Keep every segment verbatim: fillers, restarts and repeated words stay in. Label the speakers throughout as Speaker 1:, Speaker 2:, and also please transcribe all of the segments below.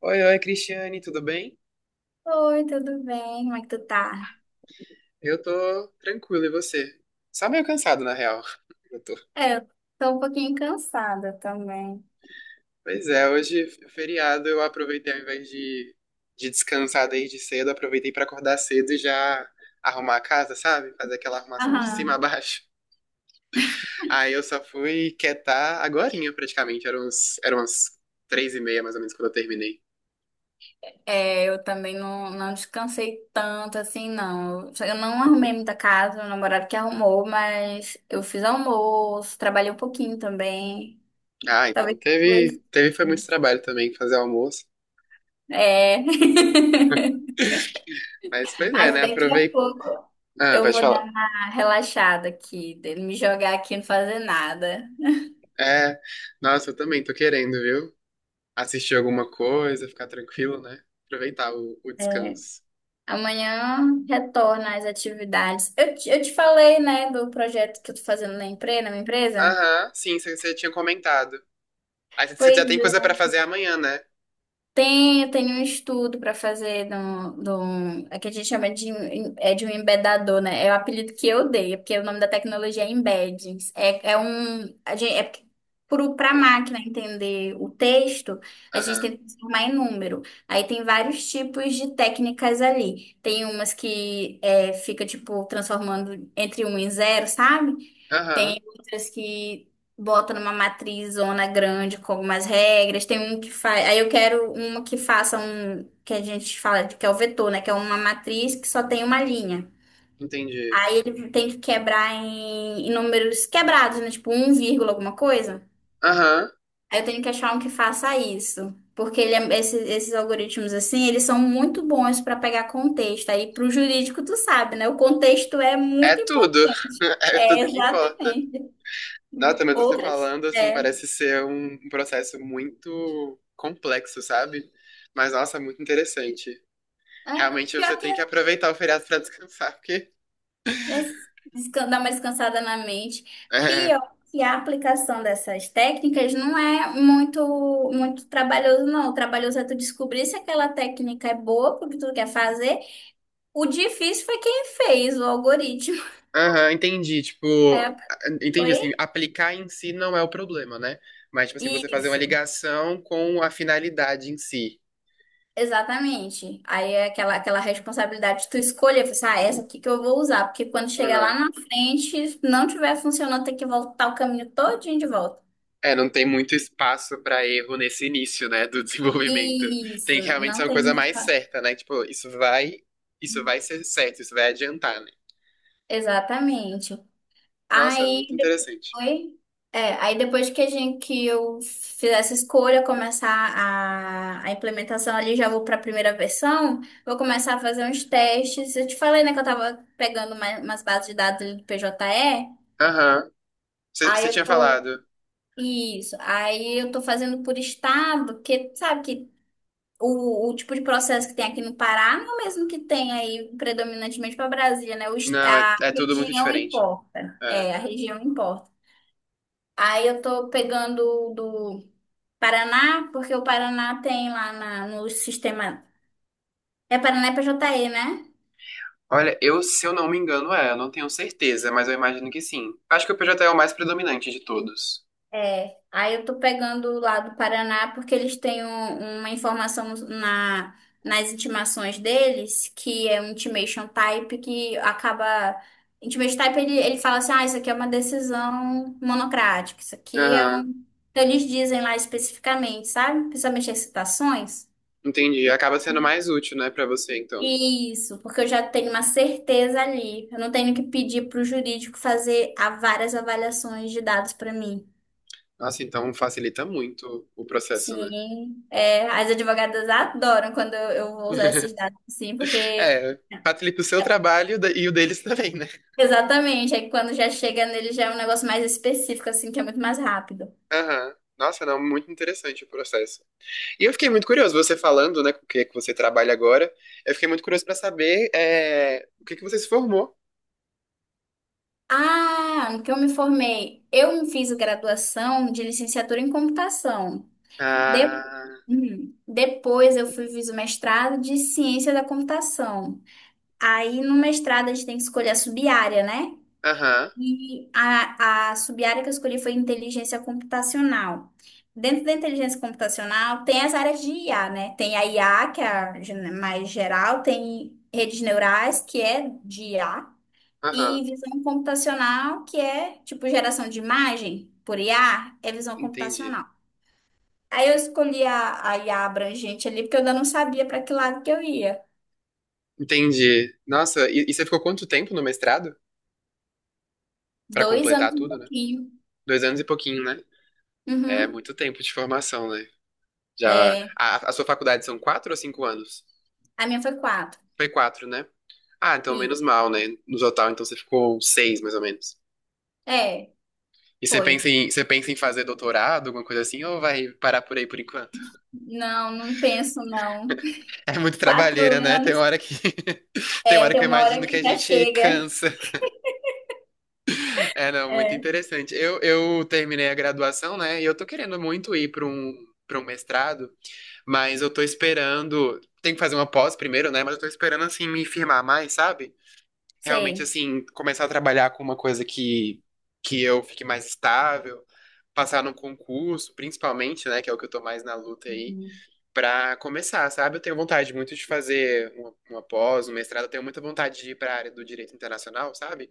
Speaker 1: Oi, oi, Cristiane, tudo bem?
Speaker 2: Oi, tudo bem? Como é que tu tá?
Speaker 1: Eu tô tranquilo, e você? Só meio cansado, na real. Eu tô.
Speaker 2: É, eu tô um pouquinho cansada também.
Speaker 1: Pois é, hoje, é feriado, eu aproveitei, ao invés de, de descansar desde cedo, aproveitei pra acordar cedo e já arrumar a casa, sabe? Fazer aquela arrumação de cima a
Speaker 2: Aham.
Speaker 1: baixo. Aí eu só fui quietar agorinha, praticamente. Eram uns, eram umas três e meia, mais ou menos, quando eu terminei.
Speaker 2: É, eu também não, não descansei tanto assim, não. Eu só- eu não arrumei muita casa, meu namorado que arrumou, mas eu fiz almoço, trabalhei um pouquinho também.
Speaker 1: Ah, então
Speaker 2: Talvez
Speaker 1: teve,
Speaker 2: depois.
Speaker 1: teve foi muito trabalho também fazer o almoço.
Speaker 2: É.
Speaker 1: Mas pois é,
Speaker 2: Acho
Speaker 1: né?
Speaker 2: daqui a
Speaker 1: Aprovei.
Speaker 2: pouco
Speaker 1: Ah,
Speaker 2: eu
Speaker 1: pode
Speaker 2: vou
Speaker 1: falar.
Speaker 2: dar uma relaxada aqui, de me jogar aqui e não fazer nada.
Speaker 1: É, nossa, eu também tô querendo, viu? Assistir alguma coisa, ficar tranquilo, né? Aproveitar o, o
Speaker 2: É.
Speaker 1: descanso.
Speaker 2: Amanhã retorna às atividades. Eu, te- eu te falei, né, do projeto que eu tô fazendo na empresa, na minha empresa?
Speaker 1: Aham, sim, você tinha comentado. Aí você já
Speaker 2: Pois
Speaker 1: tem coisa pra fazer amanhã, né?
Speaker 2: Tem, tem um estudo para fazer de um, de um- é que a gente chama de, um- é de um embedador, né? É o apelido que eu dei, é porque o nome da tecnologia é embedding. É, é um, a gente, é Para a
Speaker 1: Ah,
Speaker 2: máquina entender o texto, a gente
Speaker 1: aham,
Speaker 2: tem que transformar em número. Aí tem vários tipos de técnicas ali. Tem umas que é, fica, tipo, transformando entre um e zero, sabe?
Speaker 1: aham,
Speaker 2: Tem outras que Botam numa matriz zona grande com algumas regras. Tem um que faz. Aí eu quero uma que faça um que a gente fala de- que é o vetor, né? Que é uma matriz que só tem uma linha.
Speaker 1: entendi.
Speaker 2: Aí ele tem que quebrar em, em números quebrados, né? Tipo um vírgula alguma coisa.
Speaker 1: Aham,
Speaker 2: Aí eu tenho que achar um que faça isso. Porque ele é- esse- esses algoritmos, assim, eles são muito bons para pegar contexto. Aí, para o jurídico, tu sabe, né? O contexto é
Speaker 1: é
Speaker 2: muito
Speaker 1: tudo.
Speaker 2: importante.
Speaker 1: É
Speaker 2: É,
Speaker 1: tudo que importa.
Speaker 2: exatamente.
Speaker 1: Nossa, mas você
Speaker 2: Outras.
Speaker 1: falando, assim,
Speaker 2: É.
Speaker 1: parece ser um um processo muito complexo, sabe? Mas, nossa, muito interessante.
Speaker 2: É,
Speaker 1: Realmente você
Speaker 2: pior que
Speaker 1: tem
Speaker 2: é
Speaker 1: que aproveitar o feriado pra descansar, porque...
Speaker 2: desca- dar uma descansada na mente.
Speaker 1: é,
Speaker 2: Pior que a aplicação dessas técnicas não é muito muito trabalhoso, não. O trabalhoso é tu descobrir se aquela técnica é boa porque tu quer fazer. O difícil foi quem fez o algoritmo.
Speaker 1: aham, entendi. Tipo,
Speaker 2: É,
Speaker 1: entendi assim,
Speaker 2: foi
Speaker 1: aplicar em si não é o problema, né? Mas, tipo assim, você fazer uma
Speaker 2: isso.
Speaker 1: ligação com a finalidade em si.
Speaker 2: Exatamente. Aí é aquela, aquela responsabilidade de tu escolher, pensar, ah, essa aqui que eu vou usar, porque quando chegar lá
Speaker 1: Aham.
Speaker 2: na frente, se não tiver funcionando, tem que voltar o caminho todinho de volta.
Speaker 1: É, não tem muito espaço pra erro nesse início, né, do desenvolvimento.
Speaker 2: Isso,
Speaker 1: Tem que realmente
Speaker 2: não
Speaker 1: ser uma
Speaker 2: tem
Speaker 1: coisa
Speaker 2: muito.
Speaker 1: mais certa, né? Tipo, isso vai, isso vai ser certo, isso vai adiantar, né?
Speaker 2: Exatamente.
Speaker 1: Nossa, é
Speaker 2: Aí
Speaker 1: muito
Speaker 2: depois,
Speaker 1: interessante.
Speaker 2: é, aí depois que a gente que eu fizesse escolha, começar a, a implementação ali, já vou para a primeira versão, vou começar a fazer uns testes. Eu te falei, né, que eu tava pegando uma- umas bases de dados ali do P J E.
Speaker 1: Aham.
Speaker 2: Aí
Speaker 1: Você
Speaker 2: eu
Speaker 1: tinha
Speaker 2: tô,
Speaker 1: falado.
Speaker 2: isso, aí eu tô fazendo por estado, porque sabe que O, o tipo de processo que tem aqui no Pará não é o mesmo que tem aí predominantemente para Brasília, né? O, est-
Speaker 1: Não, é,
Speaker 2: a
Speaker 1: é tudo muito
Speaker 2: região
Speaker 1: diferente.
Speaker 2: importa.
Speaker 1: É.
Speaker 2: É, a região importa. Aí eu tô pegando o do Paraná, porque o Paraná tem lá na- no sistema. É Paraná e P J E, né?
Speaker 1: Olha, eu, se eu não me engano, é, eu não tenho certeza, mas eu imagino que sim. Acho que o P J é o mais predominante de todos.
Speaker 2: É, aí eu tô pegando lá do Paraná porque eles têm um- uma informação na, nas intimações deles, que é um intimation type que acaba. Intimation type ele, ele fala assim: ah, isso aqui é uma decisão monocrática, isso aqui é um.
Speaker 1: Aham,
Speaker 2: Então eles dizem lá especificamente, sabe? Principalmente as citações.
Speaker 1: entendi.
Speaker 2: E-
Speaker 1: Acaba sendo mais útil, né, pra você, então.
Speaker 2: Isso, porque eu já tenho uma certeza ali. Eu não tenho que pedir para o jurídico fazer a várias avaliações de dados para mim.
Speaker 1: Nossa, então facilita muito o processo, né?
Speaker 2: Sim, é, as advogadas adoram quando eu eu vou usar esses dados, sim, porque
Speaker 1: É, facilita o seu trabalho da- e o deles também, né?
Speaker 2: exatamente, é que quando já chega nele já é um negócio mais específico, assim, que é muito mais rápido.
Speaker 1: Aham. Nossa, não, muito interessante o processo. E eu fiquei muito curioso, você falando, né, com o que que você trabalha agora, eu fiquei muito curioso pra saber, é, o que que você se formou.
Speaker 2: Ah, no que eu me formei, eu fiz graduação de licenciatura em computação. De-
Speaker 1: Ah,
Speaker 2: Hum, Depois eu fui, fiz o mestrado de ciência da computação. Aí no mestrado a gente tem que escolher a sub-área, né?
Speaker 1: aham,
Speaker 2: E a, a sub-área que eu escolhi foi inteligência computacional. Dentro da inteligência computacional, tem as áreas de I A, né? Tem a I A, que é a gen- mais geral, tem redes neurais, que é de I A,
Speaker 1: aham,
Speaker 2: e visão computacional, que é tipo geração de imagem por I A, é visão
Speaker 1: entendi.
Speaker 2: computacional. Aí eu escolhi a, a I A abrangente ali, porque eu ainda não sabia para que lado que eu ia.
Speaker 1: Entendi. Nossa, e, e você ficou quanto tempo no mestrado? Pra
Speaker 2: Dois anos
Speaker 1: completar
Speaker 2: e um
Speaker 1: tudo, né?
Speaker 2: pouquinho.
Speaker 1: Dois anos e pouquinho, né? É
Speaker 2: Uhum.
Speaker 1: muito tempo de formação, né? Já.
Speaker 2: É,
Speaker 1: A, a sua faculdade são quatro ou cinco anos?
Speaker 2: a minha foi quatro.
Speaker 1: Foi quatro, né? Ah, então menos
Speaker 2: E,
Speaker 1: mal, né? No total, então você ficou seis, mais ou menos.
Speaker 2: é,
Speaker 1: E você
Speaker 2: Foi.
Speaker 1: pensa em, você pensa em fazer doutorado, alguma coisa assim, ou vai parar por aí por enquanto?
Speaker 2: Não, não penso, não.
Speaker 1: É muito
Speaker 2: Quatro
Speaker 1: trabalheira, né? Tem
Speaker 2: anos,
Speaker 1: hora que. Tem
Speaker 2: é,
Speaker 1: hora
Speaker 2: tem
Speaker 1: que eu
Speaker 2: uma hora
Speaker 1: imagino que
Speaker 2: que
Speaker 1: a
Speaker 2: já
Speaker 1: gente
Speaker 2: chega.
Speaker 1: cansa. É, não, muito
Speaker 2: É,
Speaker 1: interessante. Eu, eu terminei a graduação, né? E eu tô querendo muito ir para um, para um mestrado, mas eu tô esperando. Tem que fazer uma pós primeiro, né? Mas eu tô esperando, assim, me firmar mais, sabe? Realmente,
Speaker 2: sei.
Speaker 1: assim, começar a trabalhar com uma coisa que, que eu fique mais estável, passar num concurso, principalmente, né? Que é o que eu tô mais na luta aí,
Speaker 2: Uhum.
Speaker 1: pra começar, sabe? Eu tenho vontade muito de fazer uma, uma pós, um mestrado, eu tenho muita vontade de ir pra área do direito internacional, sabe?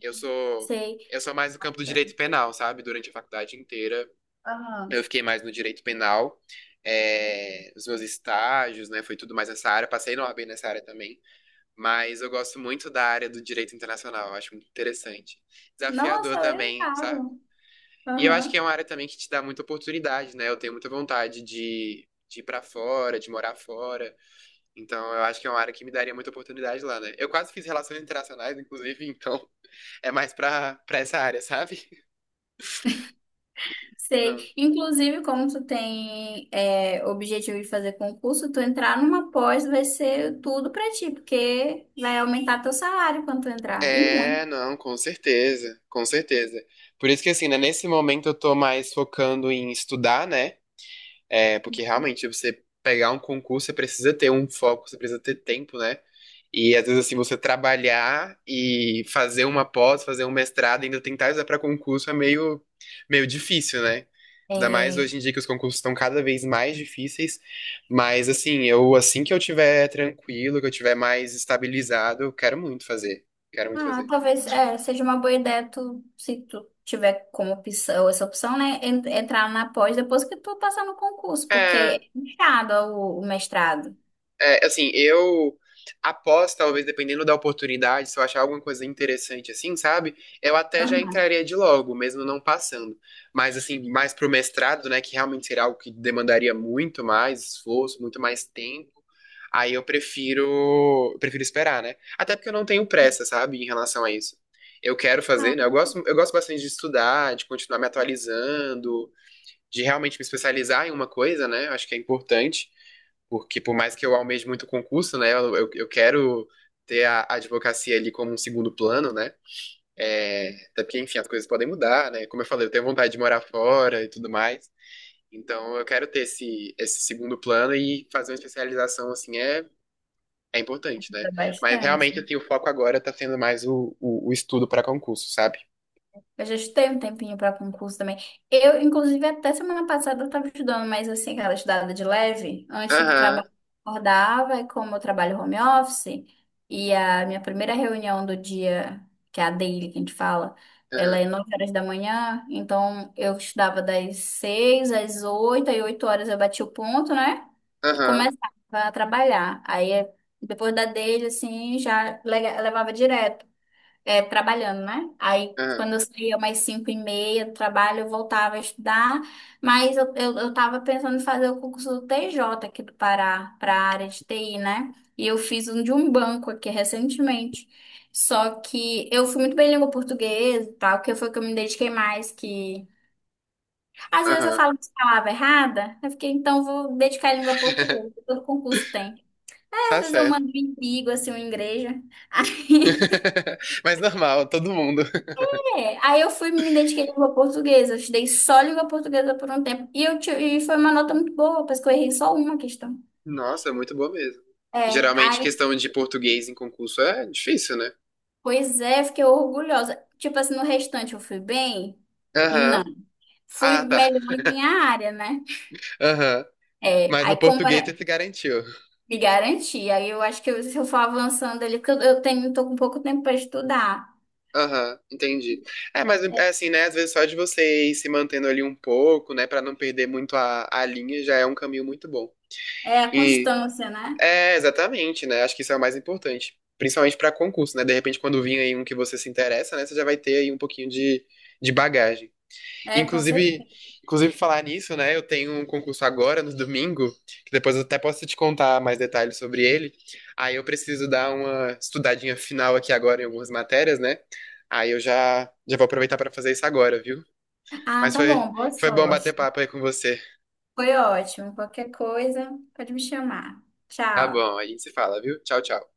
Speaker 1: Eu sou,
Speaker 2: Sei.
Speaker 1: eu sou mais no campo do direito penal, sabe? Durante a faculdade inteira, eu
Speaker 2: Aham.
Speaker 1: fiquei mais no direito penal. É, os meus estágios, né? Foi tudo mais nessa área. Passei na OAB nessa área também. Mas eu gosto muito da área do direito internacional. Eu acho muito interessante. Desafiador
Speaker 2: Nossa,
Speaker 1: também, sabe?
Speaker 2: legal.
Speaker 1: E eu acho que
Speaker 2: Aham.
Speaker 1: é uma área também que te dá muita oportunidade, né? Eu tenho muita vontade de, de ir pra fora, de morar fora. Então eu acho que é uma área que me daria muita oportunidade lá, né? Eu quase fiz relações internacionais, inclusive, então é mais pra, pra essa área, sabe? Não.
Speaker 2: Sei. Inclusive, como tu tem é, objetivo de fazer concurso, tu entrar numa pós vai ser tudo pra ti, porque vai aumentar teu salário quando tu entrar. E
Speaker 1: É,
Speaker 2: muito.
Speaker 1: não, com certeza, com certeza. Por isso que assim, né, nesse momento eu tô mais focando em estudar, né? É, porque realmente você pegar um concurso, você precisa ter um foco, você precisa ter tempo, né? E às vezes assim, você trabalhar e fazer uma pós, fazer um mestrado, ainda tentar usar para concurso é meio meio difícil, né? Ainda mais
Speaker 2: É,
Speaker 1: hoje em dia que os concursos estão cada vez mais difíceis, mas assim, eu assim que eu tiver tranquilo, que eu tiver mais estabilizado, eu quero muito fazer. Quero muito
Speaker 2: ah,
Speaker 1: fazer.
Speaker 2: talvez é, seja uma boa ideia tu, se tu tiver como opção, essa opção, né, en- entrar na pós depois que tu passar no concurso, porque é
Speaker 1: É,
Speaker 2: puxado o, o mestrado.
Speaker 1: é, assim, eu após, talvez, dependendo da oportunidade, se eu achar alguma coisa interessante assim, sabe? Eu até já
Speaker 2: Aham.
Speaker 1: entraria de logo, mesmo não passando. Mas, assim, mais pro mestrado, né, que realmente seria algo que demandaria muito mais esforço, muito mais tempo. Aí eu prefiro, prefiro esperar, né? Até porque eu não tenho pressa, sabe, em relação a isso. Eu quero
Speaker 2: Ah,
Speaker 1: fazer, né? Eu gosto, eu gosto bastante de estudar, de continuar me atualizando, de realmente me especializar em uma coisa, né? Eu acho que é importante. Porque por mais que eu almeje muito concurso, né? Eu, eu, eu quero ter a a advocacia ali como um segundo plano, né? É, até porque, enfim, as coisas podem mudar, né? Como eu falei, eu tenho vontade de morar fora e tudo mais. Então, eu quero ter esse, esse segundo plano e fazer uma especialização, assim, é, é importante, né?
Speaker 2: dá
Speaker 1: Mas
Speaker 2: bastante.
Speaker 1: realmente, assim, o foco agora tá sendo mais o, o, o estudo para concurso, sabe?
Speaker 2: Eu já estudei um tempinho para concurso também. Eu, inclusive, até semana passada eu estava estudando, mas assim, aquela estudada de leve, antes do
Speaker 1: Aham,
Speaker 2: trabalho, eu acordava, e como eu trabalho home office, e a minha primeira reunião do dia, que é a daily que a gente fala, ela
Speaker 1: aham,
Speaker 2: é nove horas da manhã, então eu estudava das seis às oito, aí oito horas eu bati o ponto, né? E
Speaker 1: aham,
Speaker 2: começava a trabalhar. Aí, depois da daily, assim, já le- levava direto, é, trabalhando, né? Aí,
Speaker 1: aham,
Speaker 2: quando eu saía mais cinco e meia do trabalho, eu voltava a estudar, mas eu, eu, eu tava pensando em fazer o concurso do T J aqui do Pará, para a área de T I, né? E eu fiz um de um banco aqui recentemente. Só que eu fui muito bem em língua portuguesa e tal, que foi o que eu me dediquei mais, que... Às vezes eu
Speaker 1: aham.
Speaker 2: falo uma palavra errada, eu fiquei, então vou dedicar em língua portuguesa, todo concurso tem. Às
Speaker 1: Tá
Speaker 2: vezes eu
Speaker 1: certo.
Speaker 2: mando um inimigo, assim, uma igreja.
Speaker 1: Mas normal, todo mundo.
Speaker 2: É, aí eu fui me dediquei à língua portuguesa, eu estudei só língua portuguesa por um tempo e, eu ti- e foi uma nota muito boa, parece que eu errei só uma questão.
Speaker 1: Nossa, é muito boa mesmo.
Speaker 2: É,
Speaker 1: Geralmente,
Speaker 2: aí,
Speaker 1: questão de português em concurso é difícil, né?
Speaker 2: pois é, fiquei orgulhosa. Tipo assim, no restante eu fui bem? Não.
Speaker 1: Aham.
Speaker 2: Fui
Speaker 1: Ah, tá.
Speaker 2: melhor na minha área, né?
Speaker 1: Aham.
Speaker 2: É,
Speaker 1: Mas
Speaker 2: aí
Speaker 1: no
Speaker 2: como era
Speaker 1: português você se garantiu.
Speaker 2: me garantir, aí eu acho que eu- se eu for avançando ali, porque eu eu tenho, tô com pouco tempo para estudar.
Speaker 1: Aham, entendi. É, mas
Speaker 2: É,
Speaker 1: é assim, né? Às vezes só de você ir se mantendo ali um pouco, né? Pra não perder muito a, a linha, já é um caminho muito bom.
Speaker 2: é a
Speaker 1: E
Speaker 2: constância, né?
Speaker 1: é, exatamente, né? Acho que isso é o mais importante. Principalmente pra concurso, né? De repente, quando vir aí um que você se interessa, né? Você já vai ter aí um pouquinho de, de bagagem.
Speaker 2: É, com
Speaker 1: Inclusive,
Speaker 2: certeza.
Speaker 1: inclusive falar nisso, né? Eu tenho um concurso agora, no domingo, que depois eu até posso te contar mais detalhes sobre ele. Aí eu preciso dar uma estudadinha final aqui agora em algumas matérias, né? Aí eu já, já vou aproveitar para fazer isso agora, viu?
Speaker 2: Ah,
Speaker 1: Mas
Speaker 2: tá
Speaker 1: foi,
Speaker 2: bom, boa
Speaker 1: foi bom bater
Speaker 2: sorte.
Speaker 1: papo aí com você.
Speaker 2: Foi ótimo. Qualquer coisa, pode me chamar.
Speaker 1: Tá
Speaker 2: Tchau.
Speaker 1: bom, aí se fala, viu? Tchau, tchau.